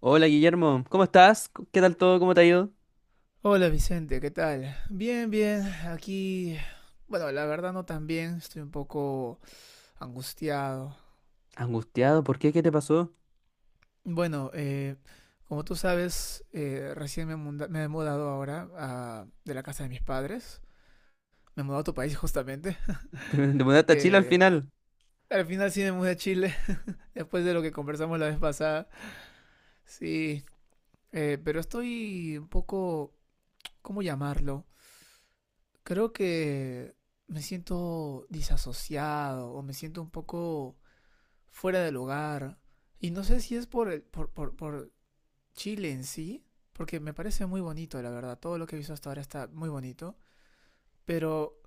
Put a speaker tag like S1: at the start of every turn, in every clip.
S1: Hola Guillermo, ¿cómo estás? ¿Qué tal todo? ¿Cómo te ha ido?
S2: Hola Vicente, ¿qué tal? Bien, bien, aquí, bueno, la verdad no tan bien, estoy un poco angustiado.
S1: Angustiado, ¿por qué? ¿Qué te pasó?
S2: Bueno, como tú sabes, recién me, me he mudado ahora a- de la casa de mis padres, me he mudado a tu país justamente.
S1: ¿Te mudaste a Chile al
S2: Eh,
S1: final?
S2: Al final sí me mudé a Chile, después de lo que conversamos la vez pasada, sí, pero estoy un poco, ¿cómo llamarlo? Creo que me siento disasociado o me siento un poco fuera de lugar. Y no sé si es por Chile en sí, porque me parece muy bonito, la verdad. Todo lo que he visto hasta ahora está muy bonito. Pero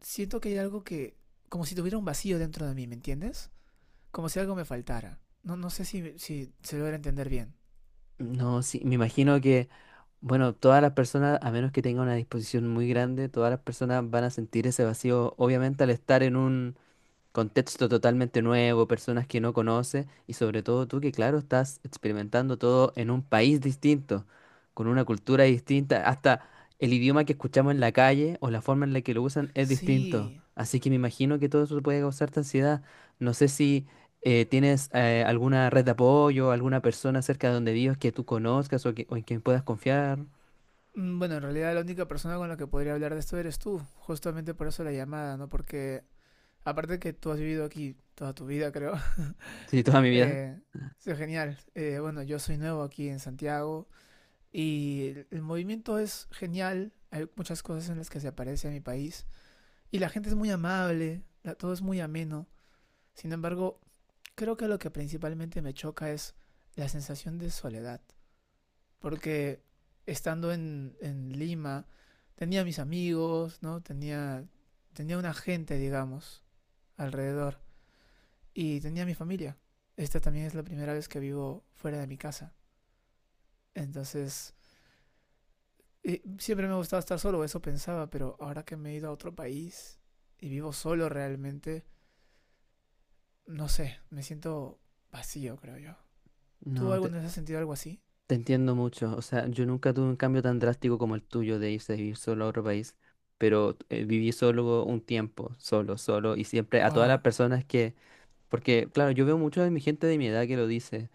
S2: siento que hay algo que, como si tuviera un vacío dentro de mí, ¿me entiendes? Como si algo me faltara. No, no sé si, si se logra entender bien.
S1: No, sí, me imagino que, bueno, todas las personas, a menos que tengan una disposición muy grande, todas las personas van a sentir ese vacío, obviamente, al estar en un contexto totalmente nuevo, personas que no conoces y sobre todo tú que claro estás experimentando todo en un país distinto, con una cultura distinta, hasta el idioma que escuchamos en la calle o la forma en la que lo usan es distinto.
S2: Sí.
S1: Así que me imagino que todo eso puede causarte ansiedad. No sé si tienes alguna red de apoyo, alguna persona cerca de donde vives que tú conozcas o, o en quien puedas confiar.
S2: Mm, bueno, en realidad la única persona con la que podría hablar de esto eres tú. Justamente por eso la llamada, ¿no? Porque aparte que tú has vivido aquí toda tu vida, creo.
S1: Sí, toda mi vida.
S2: Eh, sí, genial. Bueno, yo soy nuevo aquí en Santiago y el movimiento es genial. Hay muchas cosas en las que se aparece a mi país y la gente es muy amable, la- todo es muy ameno. Sin embargo, creo que lo que principalmente me choca es la sensación de soledad, porque estando en Lima tenía mis amigos, ¿no? Tenía, tenía una gente, digamos, alrededor y tenía mi familia. Esta también es la primera vez que vivo fuera de mi casa. Entonces, siempre me ha gustado estar solo, eso pensaba, pero ahora que me he ido a otro país y vivo solo realmente, no sé, me siento vacío, creo yo. ¿Tú
S1: No.
S2: alguna vez has sentido algo así?
S1: Te entiendo mucho, o sea, yo nunca tuve un cambio tan drástico como el tuyo de irse a vivir solo a otro país, pero viví solo un tiempo, solo, solo, y siempre a todas las
S2: Wow,
S1: personas que, porque claro, yo veo mucho de mi gente de mi edad que lo dice,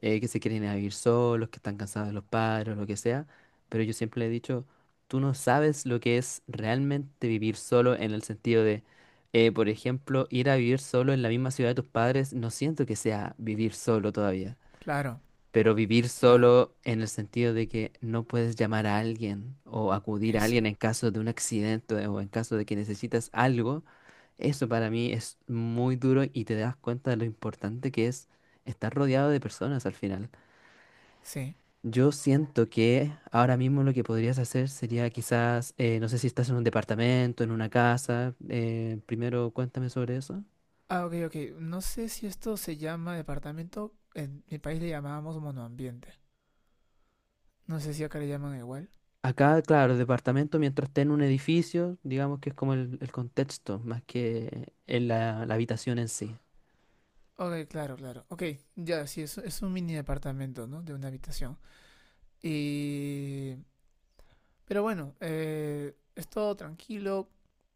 S1: que se quieren ir a vivir solos, que están cansados de los padres, lo que sea, pero yo siempre le he dicho, tú no sabes lo que es realmente vivir solo en el sentido de, por ejemplo, ir a vivir solo en la misma ciudad de tus padres, no siento que sea vivir solo todavía.
S2: claro,
S1: Pero vivir
S2: claro,
S1: solo en el sentido de que no puedes llamar a alguien o acudir a
S2: eso,
S1: alguien en caso de un accidente o en caso de que necesitas algo, eso para mí es muy duro y te das cuenta de lo importante que es estar rodeado de personas al final.
S2: sí.
S1: Yo siento que ahora mismo lo que podrías hacer sería quizás, no sé si estás en un departamento, en una casa. Primero cuéntame sobre eso.
S2: Ah, ok, ok, no sé si esto se llama departamento, en mi país le llamábamos monoambiente. No sé si acá le llaman igual.
S1: Acá, claro, el departamento mientras esté en un edificio, digamos que es como el contexto, más que en la habitación en sí.
S2: Ok, claro, claro. Ok, ya, sí, es un mini departamento, ¿no? De una habitación. Y pero bueno, es todo tranquilo,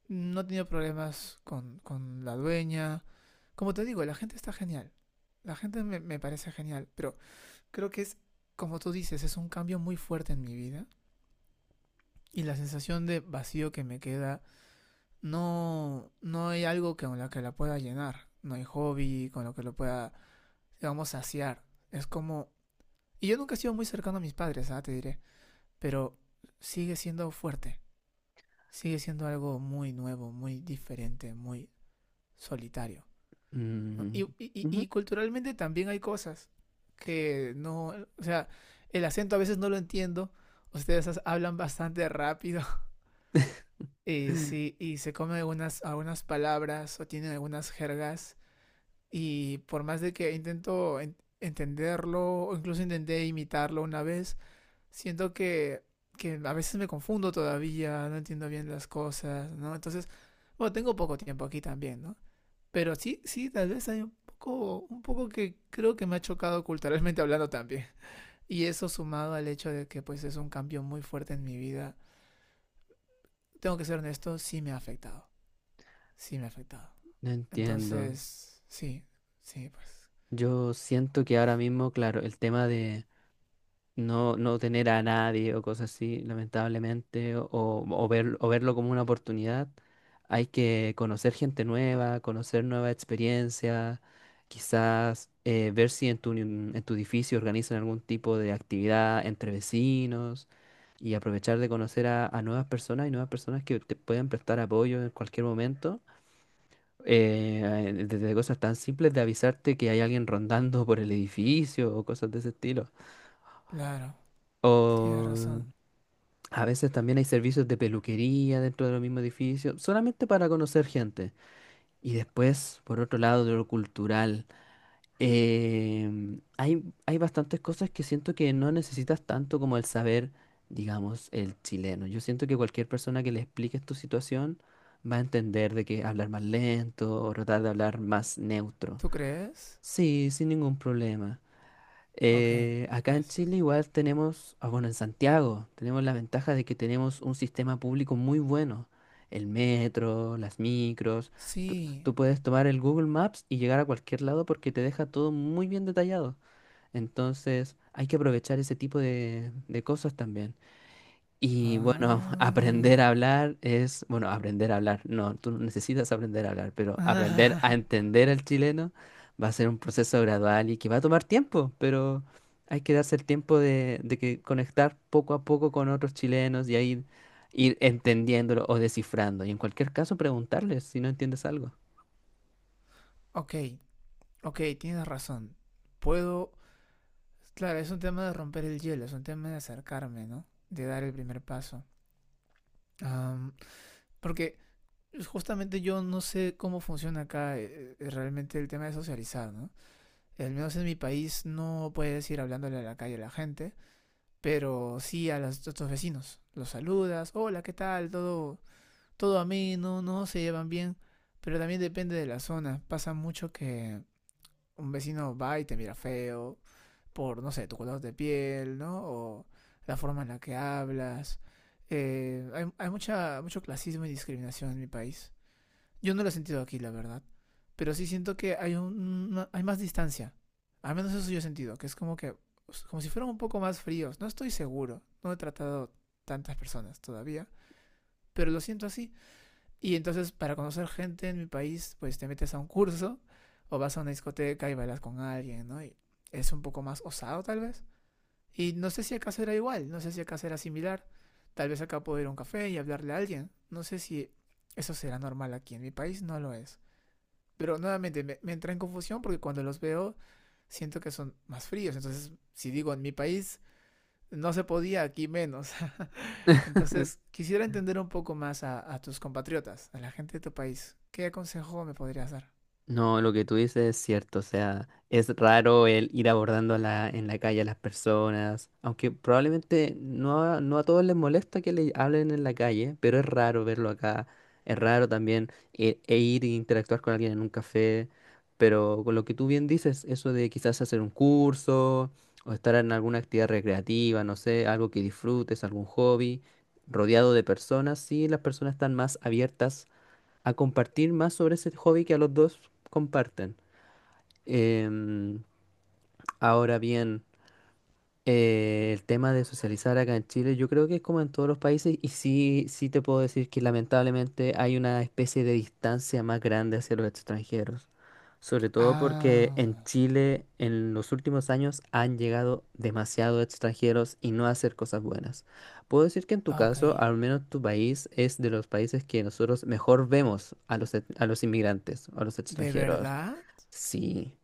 S2: no he tenido problemas con la dueña. Como te digo, la gente está genial, la gente me, me parece genial, pero creo que es, como tú dices, es un cambio muy fuerte en mi vida y la sensación de vacío que me queda, no, no hay algo con lo que la pueda llenar, no hay hobby con lo que lo pueda, digamos, saciar. Es como... y yo nunca he sido muy cercano a mis padres, ah, te diré, pero sigue siendo fuerte. Sigue siendo algo muy nuevo, muy diferente, muy solitario. ¿No?
S1: Mm. Ujú.
S2: Y culturalmente también hay cosas que no, o sea, el acento a veces no lo entiendo. Ustedes hablan bastante rápido y, sí, y se comen algunas, algunas palabras o tienen algunas jergas y por más de que intento entenderlo o incluso intenté imitarlo una vez, siento que a veces me confundo todavía, no entiendo bien las cosas, ¿no? Entonces, bueno, tengo poco tiempo aquí también, ¿no? Pero sí, sí, tal vez hay un poco que creo que me ha chocado culturalmente hablando también. Y eso sumado al hecho de que pues es un cambio muy fuerte en mi vida, tengo que ser honesto, sí me ha afectado, sí me ha afectado.
S1: No entiendo.
S2: Entonces, sí, sí, pues,
S1: Yo siento que ahora mismo, claro, el tema de no tener a nadie o cosas así, lamentablemente, o verlo como una oportunidad. Hay que conocer gente nueva, conocer nuevas experiencias, quizás ver si en en tu edificio organizan algún tipo de actividad entre vecinos y aprovechar de conocer a, nuevas personas y nuevas personas que te pueden prestar apoyo en cualquier momento. Eh, Desde cosas tan simples de avisarte que hay alguien rondando por el edificio o cosas de ese estilo.
S2: claro, tienes
S1: O
S2: razón.
S1: a veces también hay servicios de peluquería dentro del mismo edificio solamente para conocer gente. Y después, por otro lado, de lo cultural, hay bastantes cosas que siento que no necesitas tanto como el saber, digamos, el chileno. Yo siento que cualquier persona que le expliques tu situación va a entender de que hablar más lento o tratar de hablar más neutro.
S2: ¿Tú crees?
S1: Sí, sin ningún problema.
S2: Ok,
S1: Acá en
S2: gracias.
S1: Chile igual tenemos, bueno, en Santiago tenemos la ventaja de que tenemos un sistema público muy bueno, el metro, las micros, tú,
S2: Sí.
S1: tú puedes tomar el Google Maps y llegar a cualquier lado porque te deja todo muy bien detallado. Entonces hay que aprovechar ese tipo de cosas también. Y bueno,
S2: Ah.
S1: aprender a hablar es, bueno, aprender a hablar, no, tú no necesitas aprender a hablar, pero aprender a
S2: Ah,
S1: entender al chileno va a ser un proceso gradual y que va a tomar tiempo, pero hay que darse el tiempo de, que conectar poco a poco con otros chilenos y ahí ir entendiéndolo o descifrando. Y en cualquier caso, preguntarles si no entiendes algo.
S2: ok, ok, tienes razón. Puedo... Claro, es un tema de romper el hielo, es un tema de acercarme, ¿no? De dar el primer paso. Am, porque justamente yo no sé cómo funciona acá realmente el tema de socializar, ¿no? Al menos en mi país no puedes ir hablándole a la calle a la gente, pero sí a, los, a tus vecinos. Los saludas, hola, ¿qué tal? Todo, todo ameno, no se llevan bien, pero también depende de la zona. Pasa mucho que un vecino va y te mira feo por, no sé, tu color de piel, ¿no? O la forma en la que hablas. Hay mucha, mucho clasismo y discriminación en mi país. Yo no lo he sentido aquí, la verdad. Pero sí siento que hay, un, una- hay más distancia. Al menos eso sí yo he sentido, que es como que, como si fueran un poco más fríos. No estoy seguro. No he tratado tantas personas todavía. Pero lo siento así. Y entonces para conocer gente en mi país, pues te metes a un curso o vas a una discoteca y bailas con alguien, ¿no? Y es un poco más osado tal vez. Y no sé si acá será igual, no sé si acá será similar. Tal vez acá puedo ir a un café y hablarle a alguien. No sé si eso será normal aquí en mi país, no lo es. Pero nuevamente me, me entra en confusión porque cuando los veo siento que son más fríos. Entonces, si digo en mi país no se podía, aquí menos. Entonces, quisiera entender un poco más a tus compatriotas, a la gente de tu país. ¿Qué consejo me podrías dar?
S1: No, lo que tú dices es cierto, o sea, es raro el ir abordando a en la calle a las personas, aunque probablemente no a todos les molesta que le hablen en la calle, pero es raro verlo acá, es raro también e ir e interactuar con alguien en un café, pero con lo que tú bien dices, eso de quizás hacer un curso o estar en alguna actividad recreativa, no sé, algo que disfrutes, algún hobby, rodeado de personas, sí, las personas están más abiertas a compartir más sobre ese hobby que a los dos comparten. Em, Ahora bien, el tema de socializar acá en Chile, yo creo que es como en todos los países y sí, sí te puedo decir que lamentablemente hay una especie de distancia más grande hacia los extranjeros, sobre todo porque
S2: Ah,
S1: en Chile en los últimos años han llegado demasiados extranjeros y no a hacer cosas buenas. Puedo decir que en tu
S2: ok.
S1: caso, al menos tu país es de los países que nosotros mejor vemos a los, a los inmigrantes, a los
S2: ¿De
S1: extranjeros.
S2: verdad?
S1: Sí,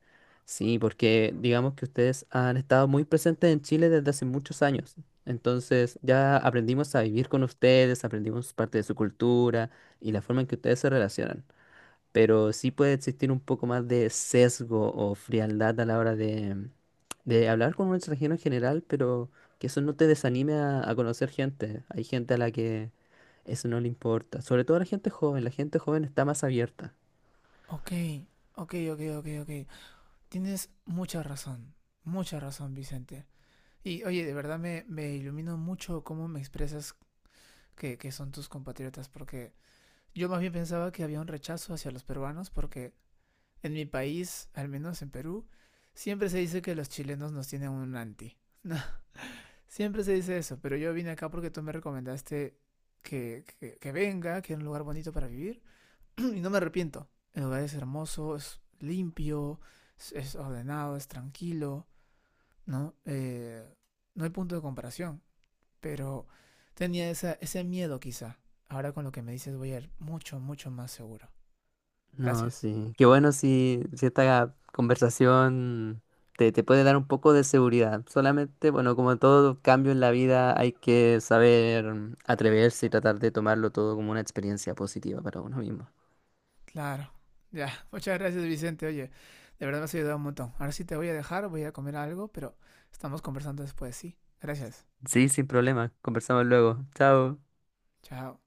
S1: sí, porque digamos que ustedes han estado muy presentes en Chile desde hace muchos años. Entonces ya aprendimos a vivir con ustedes, aprendimos parte de su cultura y la forma en que ustedes se relacionan. Pero sí puede existir un poco más de sesgo o frialdad a la hora de, hablar con un extranjero en general, pero que eso no te desanime a, conocer gente. Hay gente a la que eso no le importa. Sobre todo a la gente joven está más abierta.
S2: Ok, ok, ok, ok, ok. Tienes mucha razón, Vicente. Y oye, de verdad me, me iluminó mucho cómo me expresas que son tus compatriotas, porque yo más bien pensaba que había un rechazo hacia los peruanos, porque en mi país, al menos en Perú, siempre se dice que los chilenos nos tienen un anti. No, siempre se dice eso, pero yo vine acá porque tú me recomendaste que, que venga, que era un lugar bonito para vivir. Y no me arrepiento. El lugar es hermoso, es limpio, es ordenado, es tranquilo, ¿no? No hay punto de comparación, pero tenía esa, ese miedo quizá. Ahora con lo que me dices voy a ir mucho, mucho más seguro.
S1: No,
S2: Gracias.
S1: sí. Qué bueno si, esta conversación te, puede dar un poco de seguridad. Solamente, bueno, como todo cambio en la vida, hay que saber, atreverse y tratar de tomarlo todo como una experiencia positiva para uno mismo.
S2: Claro. Ya, muchas gracias Vicente. Oye, de verdad me has ayudado un montón. Ahora sí te voy a dejar, voy a comer algo, pero estamos conversando después, ¿sí? Gracias.
S1: Sí, sin problema. Conversamos luego. Chao.
S2: Chao.